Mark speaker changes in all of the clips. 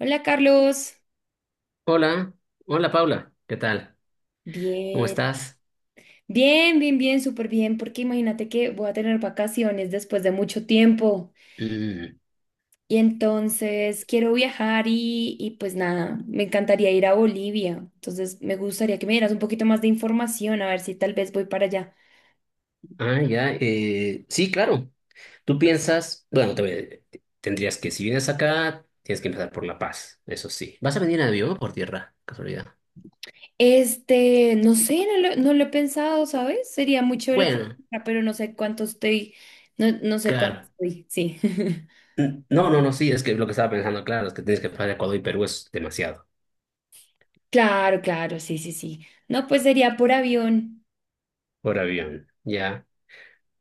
Speaker 1: Hola Carlos,
Speaker 2: Hola, hola Paula, ¿qué tal? ¿Cómo
Speaker 1: bien,
Speaker 2: estás?
Speaker 1: bien, súper bien, porque imagínate que voy a tener vacaciones después de mucho tiempo
Speaker 2: Mm,
Speaker 1: y entonces quiero viajar y pues nada, me encantaría ir a Bolivia, entonces me gustaría que me dieras un poquito más de información, a ver si tal vez voy para allá.
Speaker 2: ya, sí, claro. Tú piensas, bueno, tendrías que, si vienes acá, tienes que empezar por La Paz, eso sí. ¿Vas a venir en avión o por tierra? Casualidad.
Speaker 1: Este, no sé, no lo he pensado, ¿sabes? Sería muy chévere,
Speaker 2: Bueno,
Speaker 1: pero no sé cuánto estoy, no sé cuánto
Speaker 2: claro.
Speaker 1: estoy, sí.
Speaker 2: No, no, no, sí, es que lo que estaba pensando, claro, es que tienes que pasar Ecuador y Perú es demasiado
Speaker 1: Claro, claro, sí, sí, sí. No, pues sería por avión.
Speaker 2: por avión, ya.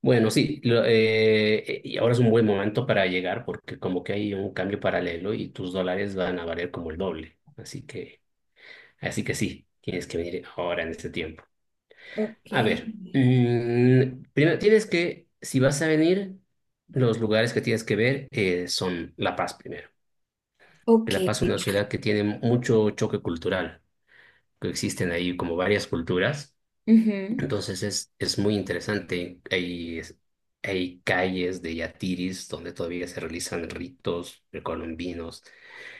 Speaker 2: Bueno, sí, y ahora es un buen momento para llegar porque como que hay un cambio paralelo y tus dólares van a valer como el doble, así que... Así que sí, tienes que venir ahora en este tiempo.
Speaker 1: Ok.
Speaker 2: A ver, primero tienes que, si vas a venir, los lugares que tienes que ver son La Paz primero. Que
Speaker 1: Ok.
Speaker 2: La Paz es una ciudad que tiene mucho choque cultural, que existen ahí como varias culturas.
Speaker 1: Ujú.
Speaker 2: Entonces es muy interesante. Hay calles de yatiris donde todavía se realizan ritos precolombinos.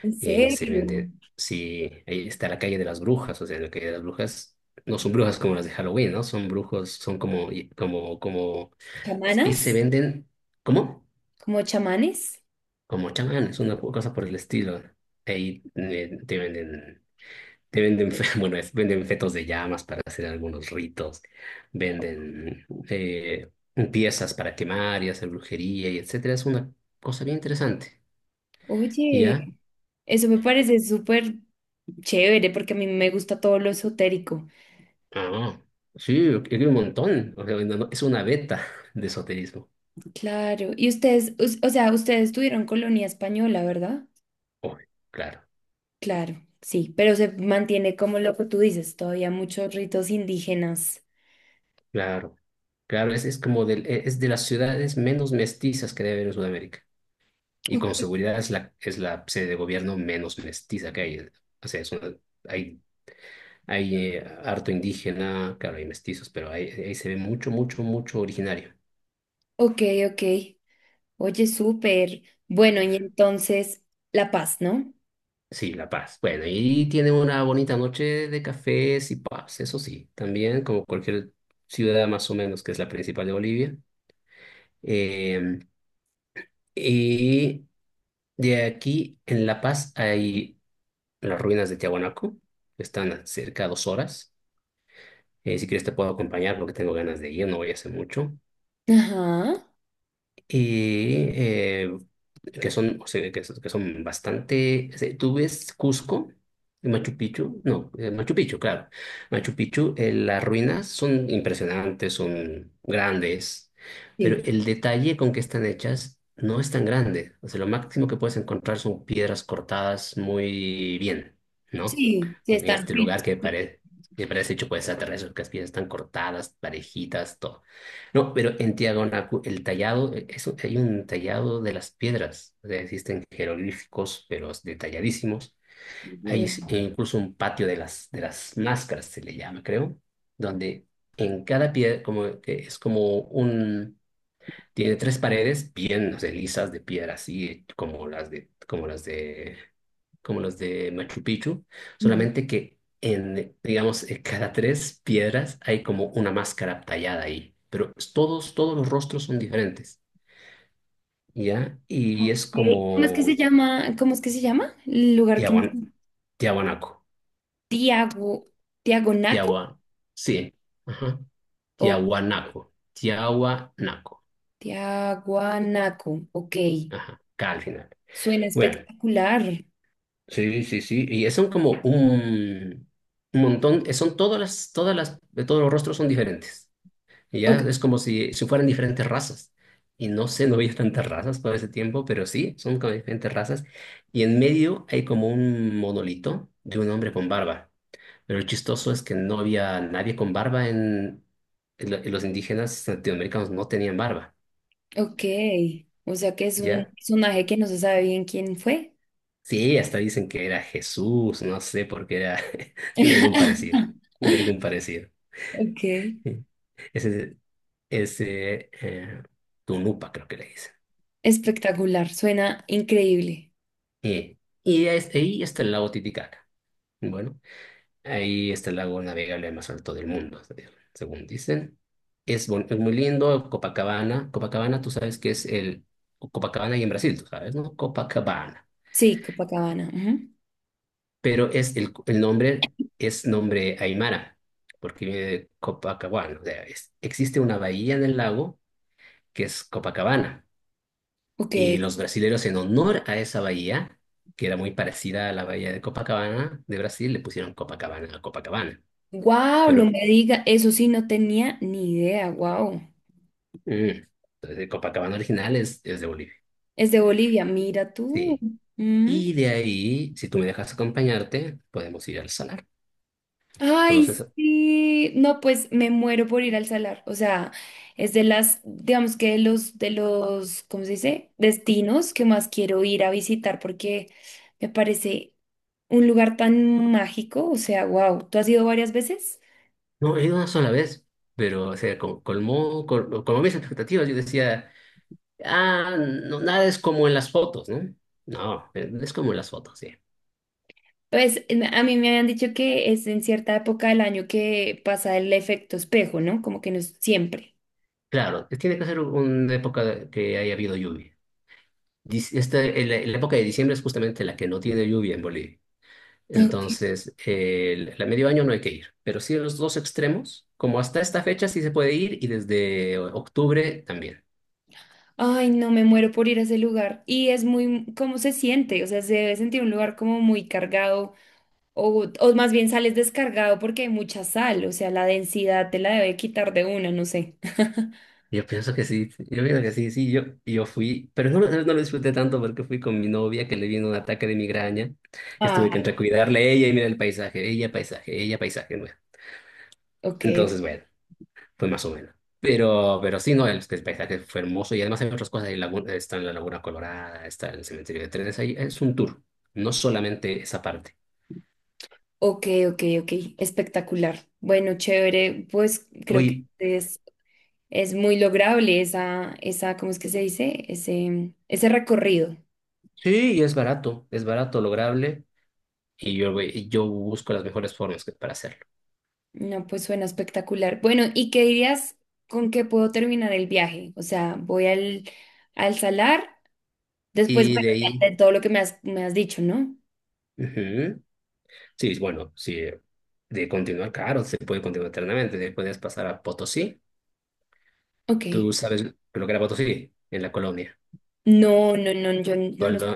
Speaker 1: ¿En
Speaker 2: Eh, se
Speaker 1: serio?
Speaker 2: vende. Sí, ahí está la calle de las brujas, o sea, la calle de las brujas no son brujas como las de Halloween, ¿no? Son brujos, son como, como, y
Speaker 1: ¿Chamanas?
Speaker 2: se venden, ¿cómo?
Speaker 1: ¿Como chamanes?
Speaker 2: Como chamanes, una cosa por el estilo. Ahí te venden, bueno, venden fetos de llamas para hacer algunos ritos, venden piezas para quemar y hacer brujería y etcétera. Es una cosa bien interesante, ¿ya?
Speaker 1: Oye, eso me parece súper chévere porque a mí me gusta todo lo esotérico.
Speaker 2: Ah, sí, aquí hay un montón. O sea, no, es una beta de esoterismo.
Speaker 1: Claro. Y ustedes, o sea, ustedes tuvieron colonia española, ¿verdad?
Speaker 2: Oh, claro,
Speaker 1: Claro, sí, pero se mantiene como lo que tú dices, todavía muchos ritos indígenas.
Speaker 2: claro, claro. Es como es de las ciudades menos mestizas que debe haber en Sudamérica. Y con
Speaker 1: Ok,
Speaker 2: seguridad es la sede de gobierno menos mestiza que hay. O sea, hay, hay harto indígena, claro, hay mestizos, pero ahí, ahí se ve mucho, mucho, mucho originario.
Speaker 1: ok. Ok. Oye, súper. Bueno, y entonces, La Paz, ¿no?
Speaker 2: Sí, La Paz. Bueno, y tiene una bonita noche de cafés y pubs, eso sí. También, como cualquier ciudad más o menos que es la principal de Bolivia. Eh, y de aquí, en La Paz, hay las ruinas de Tiahuanaco, que están a cerca de dos horas. Si quieres te puedo acompañar porque tengo ganas de ir, no voy a hacer mucho.
Speaker 1: Ajá.
Speaker 2: Y que son, o sea, son que son bastante... O sea, tú ves Cusco, y Machu Picchu, no, Machu Picchu, claro. Machu Picchu, las ruinas son impresionantes, son grandes, pero
Speaker 1: Sí,
Speaker 2: el detalle con que están hechas no es tan grande. O sea, lo máximo que puedes encontrar son piedras cortadas muy bien, ¿no?
Speaker 1: sí, sí,
Speaker 2: En
Speaker 1: están
Speaker 2: este lugar que parece... Que parece hecho por extraterrestres, que las piedras están cortadas, parejitas, todo. No, pero en Tiahuanacu, el tallado, hay un tallado de las piedras. O sea, existen jeroglíficos, pero detalladísimos.
Speaker 1: bien.
Speaker 2: E incluso un patio de las máscaras, se le llama, creo, donde en cada piedra, como que es como un, tiene tres paredes bien, no sé, lisas de piedra, así como como las de como los de Machu Picchu,
Speaker 1: Ujú.
Speaker 2: solamente que en, digamos, en cada tres piedras hay como una máscara tallada ahí, pero todos, todos los rostros son diferentes, ¿ya? Y
Speaker 1: Ok.
Speaker 2: es
Speaker 1: ¿Cómo es que se
Speaker 2: como
Speaker 1: llama? ¿Cómo es que se llama? El lugar que... me...
Speaker 2: Tiahuan, Tiahuanaco,
Speaker 1: Tiago, Tiagonaco
Speaker 2: Tiahua, sí, ajá,
Speaker 1: o
Speaker 2: Tiahuanaco, Tiahuanaco,
Speaker 1: Tiaguanaco. Ok.
Speaker 2: ajá, K al final.
Speaker 1: Suena
Speaker 2: Bueno,
Speaker 1: espectacular.
Speaker 2: sí, sí, sí, y son como un montón, son todos los rostros son diferentes. Y ya
Speaker 1: Ok,
Speaker 2: es como si, si fueran diferentes razas. Y no sé, no veía tantas razas por ese tiempo, pero sí, son como diferentes razas. Y en medio hay como un monolito de un hombre con barba. Pero lo chistoso es que no había nadie con barba en... En los indígenas latinoamericanos no tenían barba,
Speaker 1: ok. O sea que es un
Speaker 2: ¿ya?
Speaker 1: personaje que no se sabe bien quién fue.
Speaker 2: Sí, hasta dicen que era Jesús, no sé por qué era... Tiene algún parecido, tiene algún parecido.
Speaker 1: Ok.
Speaker 2: Sí. Ese, ese Tunupa creo que le dicen.
Speaker 1: Espectacular. Suena increíble.
Speaker 2: Eh, Ahí está el lago Titicaca. Bueno, ahí está el lago navegable más alto del mundo, según dicen. Es muy lindo, Copacabana. Copacabana, tú sabes que es el... Copacabana y en Brasil, tú sabes, ¿no? Copacabana.
Speaker 1: Sí, Copacabana. Ujú.
Speaker 2: Pero el nombre es nombre Aymara, porque viene de Copacabana. O sea, existe una bahía en el lago que es Copacabana.
Speaker 1: Ok.
Speaker 2: Y los brasileros, en honor a esa bahía, que era muy parecida a la bahía de Copacabana de Brasil, le pusieron Copacabana a Copacabana.
Speaker 1: Wow, no
Speaker 2: Pero
Speaker 1: me diga. Eso sí, no tenía ni idea. Wow.
Speaker 2: mm, entonces el Copacabana original es de Bolivia.
Speaker 1: Es de Bolivia, mira tú.
Speaker 2: Sí.
Speaker 1: Mm.
Speaker 2: Y de ahí, si tú me dejas acompañarte, podemos ir al salar.
Speaker 1: Ay,
Speaker 2: Conoces-
Speaker 1: sí. No, pues me muero por ir al salar. O sea, es de las, digamos que de los, ¿cómo se dice? Destinos que más quiero ir a visitar porque me parece un lugar tan mágico. O sea, wow. ¿Tú has ido varias veces?
Speaker 2: No, he ido una sola vez, pero o sea, colmó, colmó mis expectativas. Yo decía, ah, no, nada es como en las fotos, ¿no? No, es como en las fotos, sí.
Speaker 1: Pues a mí me habían dicho que es en cierta época del año que pasa el efecto espejo, ¿no? Como que no es siempre.
Speaker 2: Claro, tiene que ser una época que haya habido lluvia. La época de diciembre es justamente la que no tiene lluvia en Bolivia. Entonces, la medio año no hay que ir, pero sí en los dos extremos, como hasta esta fecha sí se puede ir y desde octubre también.
Speaker 1: Ay, no me muero por ir a ese lugar. Y es muy, ¿cómo se siente? O sea, se debe sentir un lugar como muy cargado o más bien sales descargado porque hay mucha sal, o sea, la densidad te la debe quitar de una, no sé.
Speaker 2: Yo pienso que sí, yo pienso que sí, sí, yo fui, pero no, no lo disfruté tanto porque fui con mi novia que le vino un ataque de migraña. Estuve que
Speaker 1: Ah,
Speaker 2: entre cuidarle a ella y mirar el paisaje, ella paisaje, ella paisaje, bueno.
Speaker 1: ok,
Speaker 2: Entonces, bueno. Pues más o menos. Pero sí, no, el paisaje fue hermoso y además hay otras cosas. Está en la Laguna Colorada, está el cementerio de trenes. Ahí es un tour, no solamente esa parte.
Speaker 1: ok, ok, ok, espectacular. Bueno, chévere, pues creo que
Speaker 2: Oye,
Speaker 1: es muy lograble esa, esa, ¿cómo es que se dice? Ese recorrido.
Speaker 2: sí, y es barato, lograble. Y yo busco las mejores formas para hacerlo.
Speaker 1: No, pues suena espectacular. Bueno, ¿y qué dirías con qué puedo terminar el viaje? O sea, voy al, al salar, después,
Speaker 2: Y
Speaker 1: bueno,
Speaker 2: de ahí,
Speaker 1: ya de todo lo que me has dicho, ¿no?
Speaker 2: ujú, sí, bueno, sí, de continuar, claro, se puede continuar eternamente. De ahí puedes pasar a Potosí. Tú
Speaker 1: Ok.
Speaker 2: sabes lo que era Potosí en la colonia.
Speaker 1: No, no, no, yo no lo sé.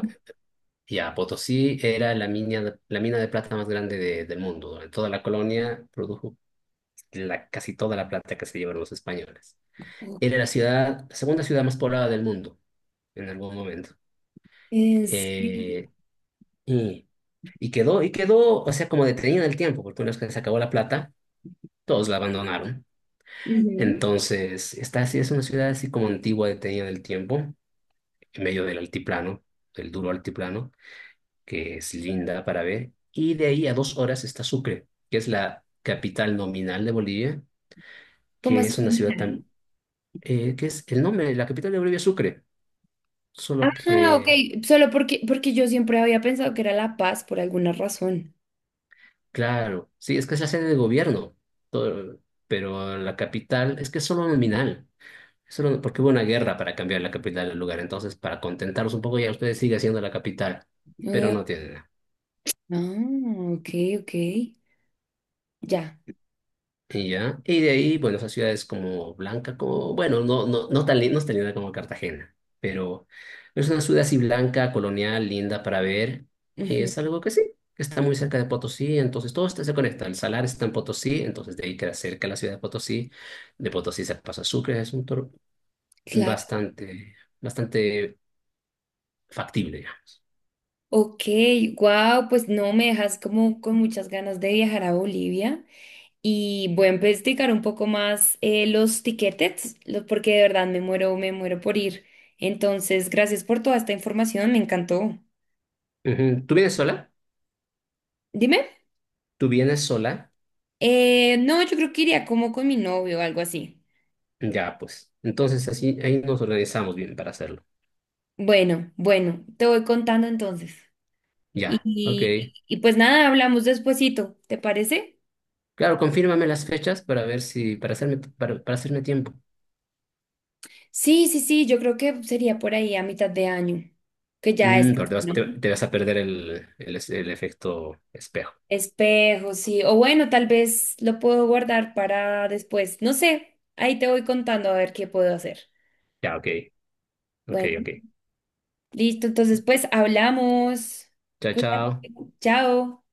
Speaker 2: Ya, Potosí era la mina de plata más grande del mundo. Durante toda la colonia produjo casi toda la plata que se llevaron los españoles. Era la segunda ciudad más poblada del mundo en algún momento.
Speaker 1: ¿En serio?
Speaker 2: Eh, y, y quedó, o sea, como detenida en el tiempo, porque una vez que se acabó la plata, todos la abandonaron.
Speaker 1: Ujú.
Speaker 2: Entonces, esta sí es una ciudad así como antigua, detenida en el tiempo, en medio del altiplano, del duro altiplano. Que es linda para ver, y de ahí a dos horas está Sucre, que es la capital nominal de Bolivia,
Speaker 1: ¿Cómo
Speaker 2: que
Speaker 1: así?
Speaker 2: es una ciudad
Speaker 1: ¿Manejar?
Speaker 2: tan, que es el nombre de la capital de Bolivia, es Sucre, solo
Speaker 1: Ah, ok,
Speaker 2: que,
Speaker 1: solo porque, porque yo siempre había pensado que era La Paz por alguna razón.
Speaker 2: claro, sí, es que es la sede de gobierno, todo- pero la capital es que es solo nominal, solo, porque hubo una guerra para cambiar la capital del lugar, entonces para contentarlos un poco ya ustedes sigue siendo la capital, pero
Speaker 1: Oh,
Speaker 2: no tiene nada.
Speaker 1: ah, ok, ok, ya.
Speaker 2: Y ya. Y de ahí, bueno, esas ciudades como blanca, como, bueno, no tan, no es tan linda como Cartagena, pero es una ciudad así blanca, colonial, linda para ver. Y
Speaker 1: Ujú.
Speaker 2: es algo que sí, que está muy cerca de Potosí, entonces todo esto se conecta. El Salar está en Potosí, entonces de ahí queda cerca la ciudad de Potosí. De Potosí se pasa a Sucre, es un tour
Speaker 1: Claro.
Speaker 2: bastante, bastante factible, digamos.
Speaker 1: Ok, wow, pues no, me dejas como con muchas ganas de viajar a Bolivia y voy a investigar un poco más los tiquetes, porque de verdad me muero por ir. Entonces, gracias por toda esta información, me encantó.
Speaker 2: Ujú. ¿Tú vienes sola?
Speaker 1: Dime.
Speaker 2: ¿Tú vienes sola?
Speaker 1: No, yo creo que iría como con mi novio o algo así.
Speaker 2: Ya, pues. Entonces así, ahí nos organizamos bien para hacerlo.
Speaker 1: Bueno, bueno, te voy contando entonces.
Speaker 2: Ya, ok.
Speaker 1: Y pues nada, hablamos despuesito, ¿te parece?
Speaker 2: Claro, confírmame las fechas para ver si, para hacerme tiempo.
Speaker 1: Sí, sí, sí, yo creo que sería por ahí a mitad de año, que ya es,
Speaker 2: Mm, pero te vas,
Speaker 1: ¿no?
Speaker 2: te vas a perder el efecto espejo.
Speaker 1: Espejos, sí. O bueno, tal vez lo puedo guardar para después. No sé, ahí te voy contando a ver qué puedo hacer.
Speaker 2: Ya, ok, ok,
Speaker 1: Bueno,
Speaker 2: ok.
Speaker 1: listo, entonces pues hablamos.
Speaker 2: Chao,
Speaker 1: Cuídate.
Speaker 2: chao.
Speaker 1: Chao.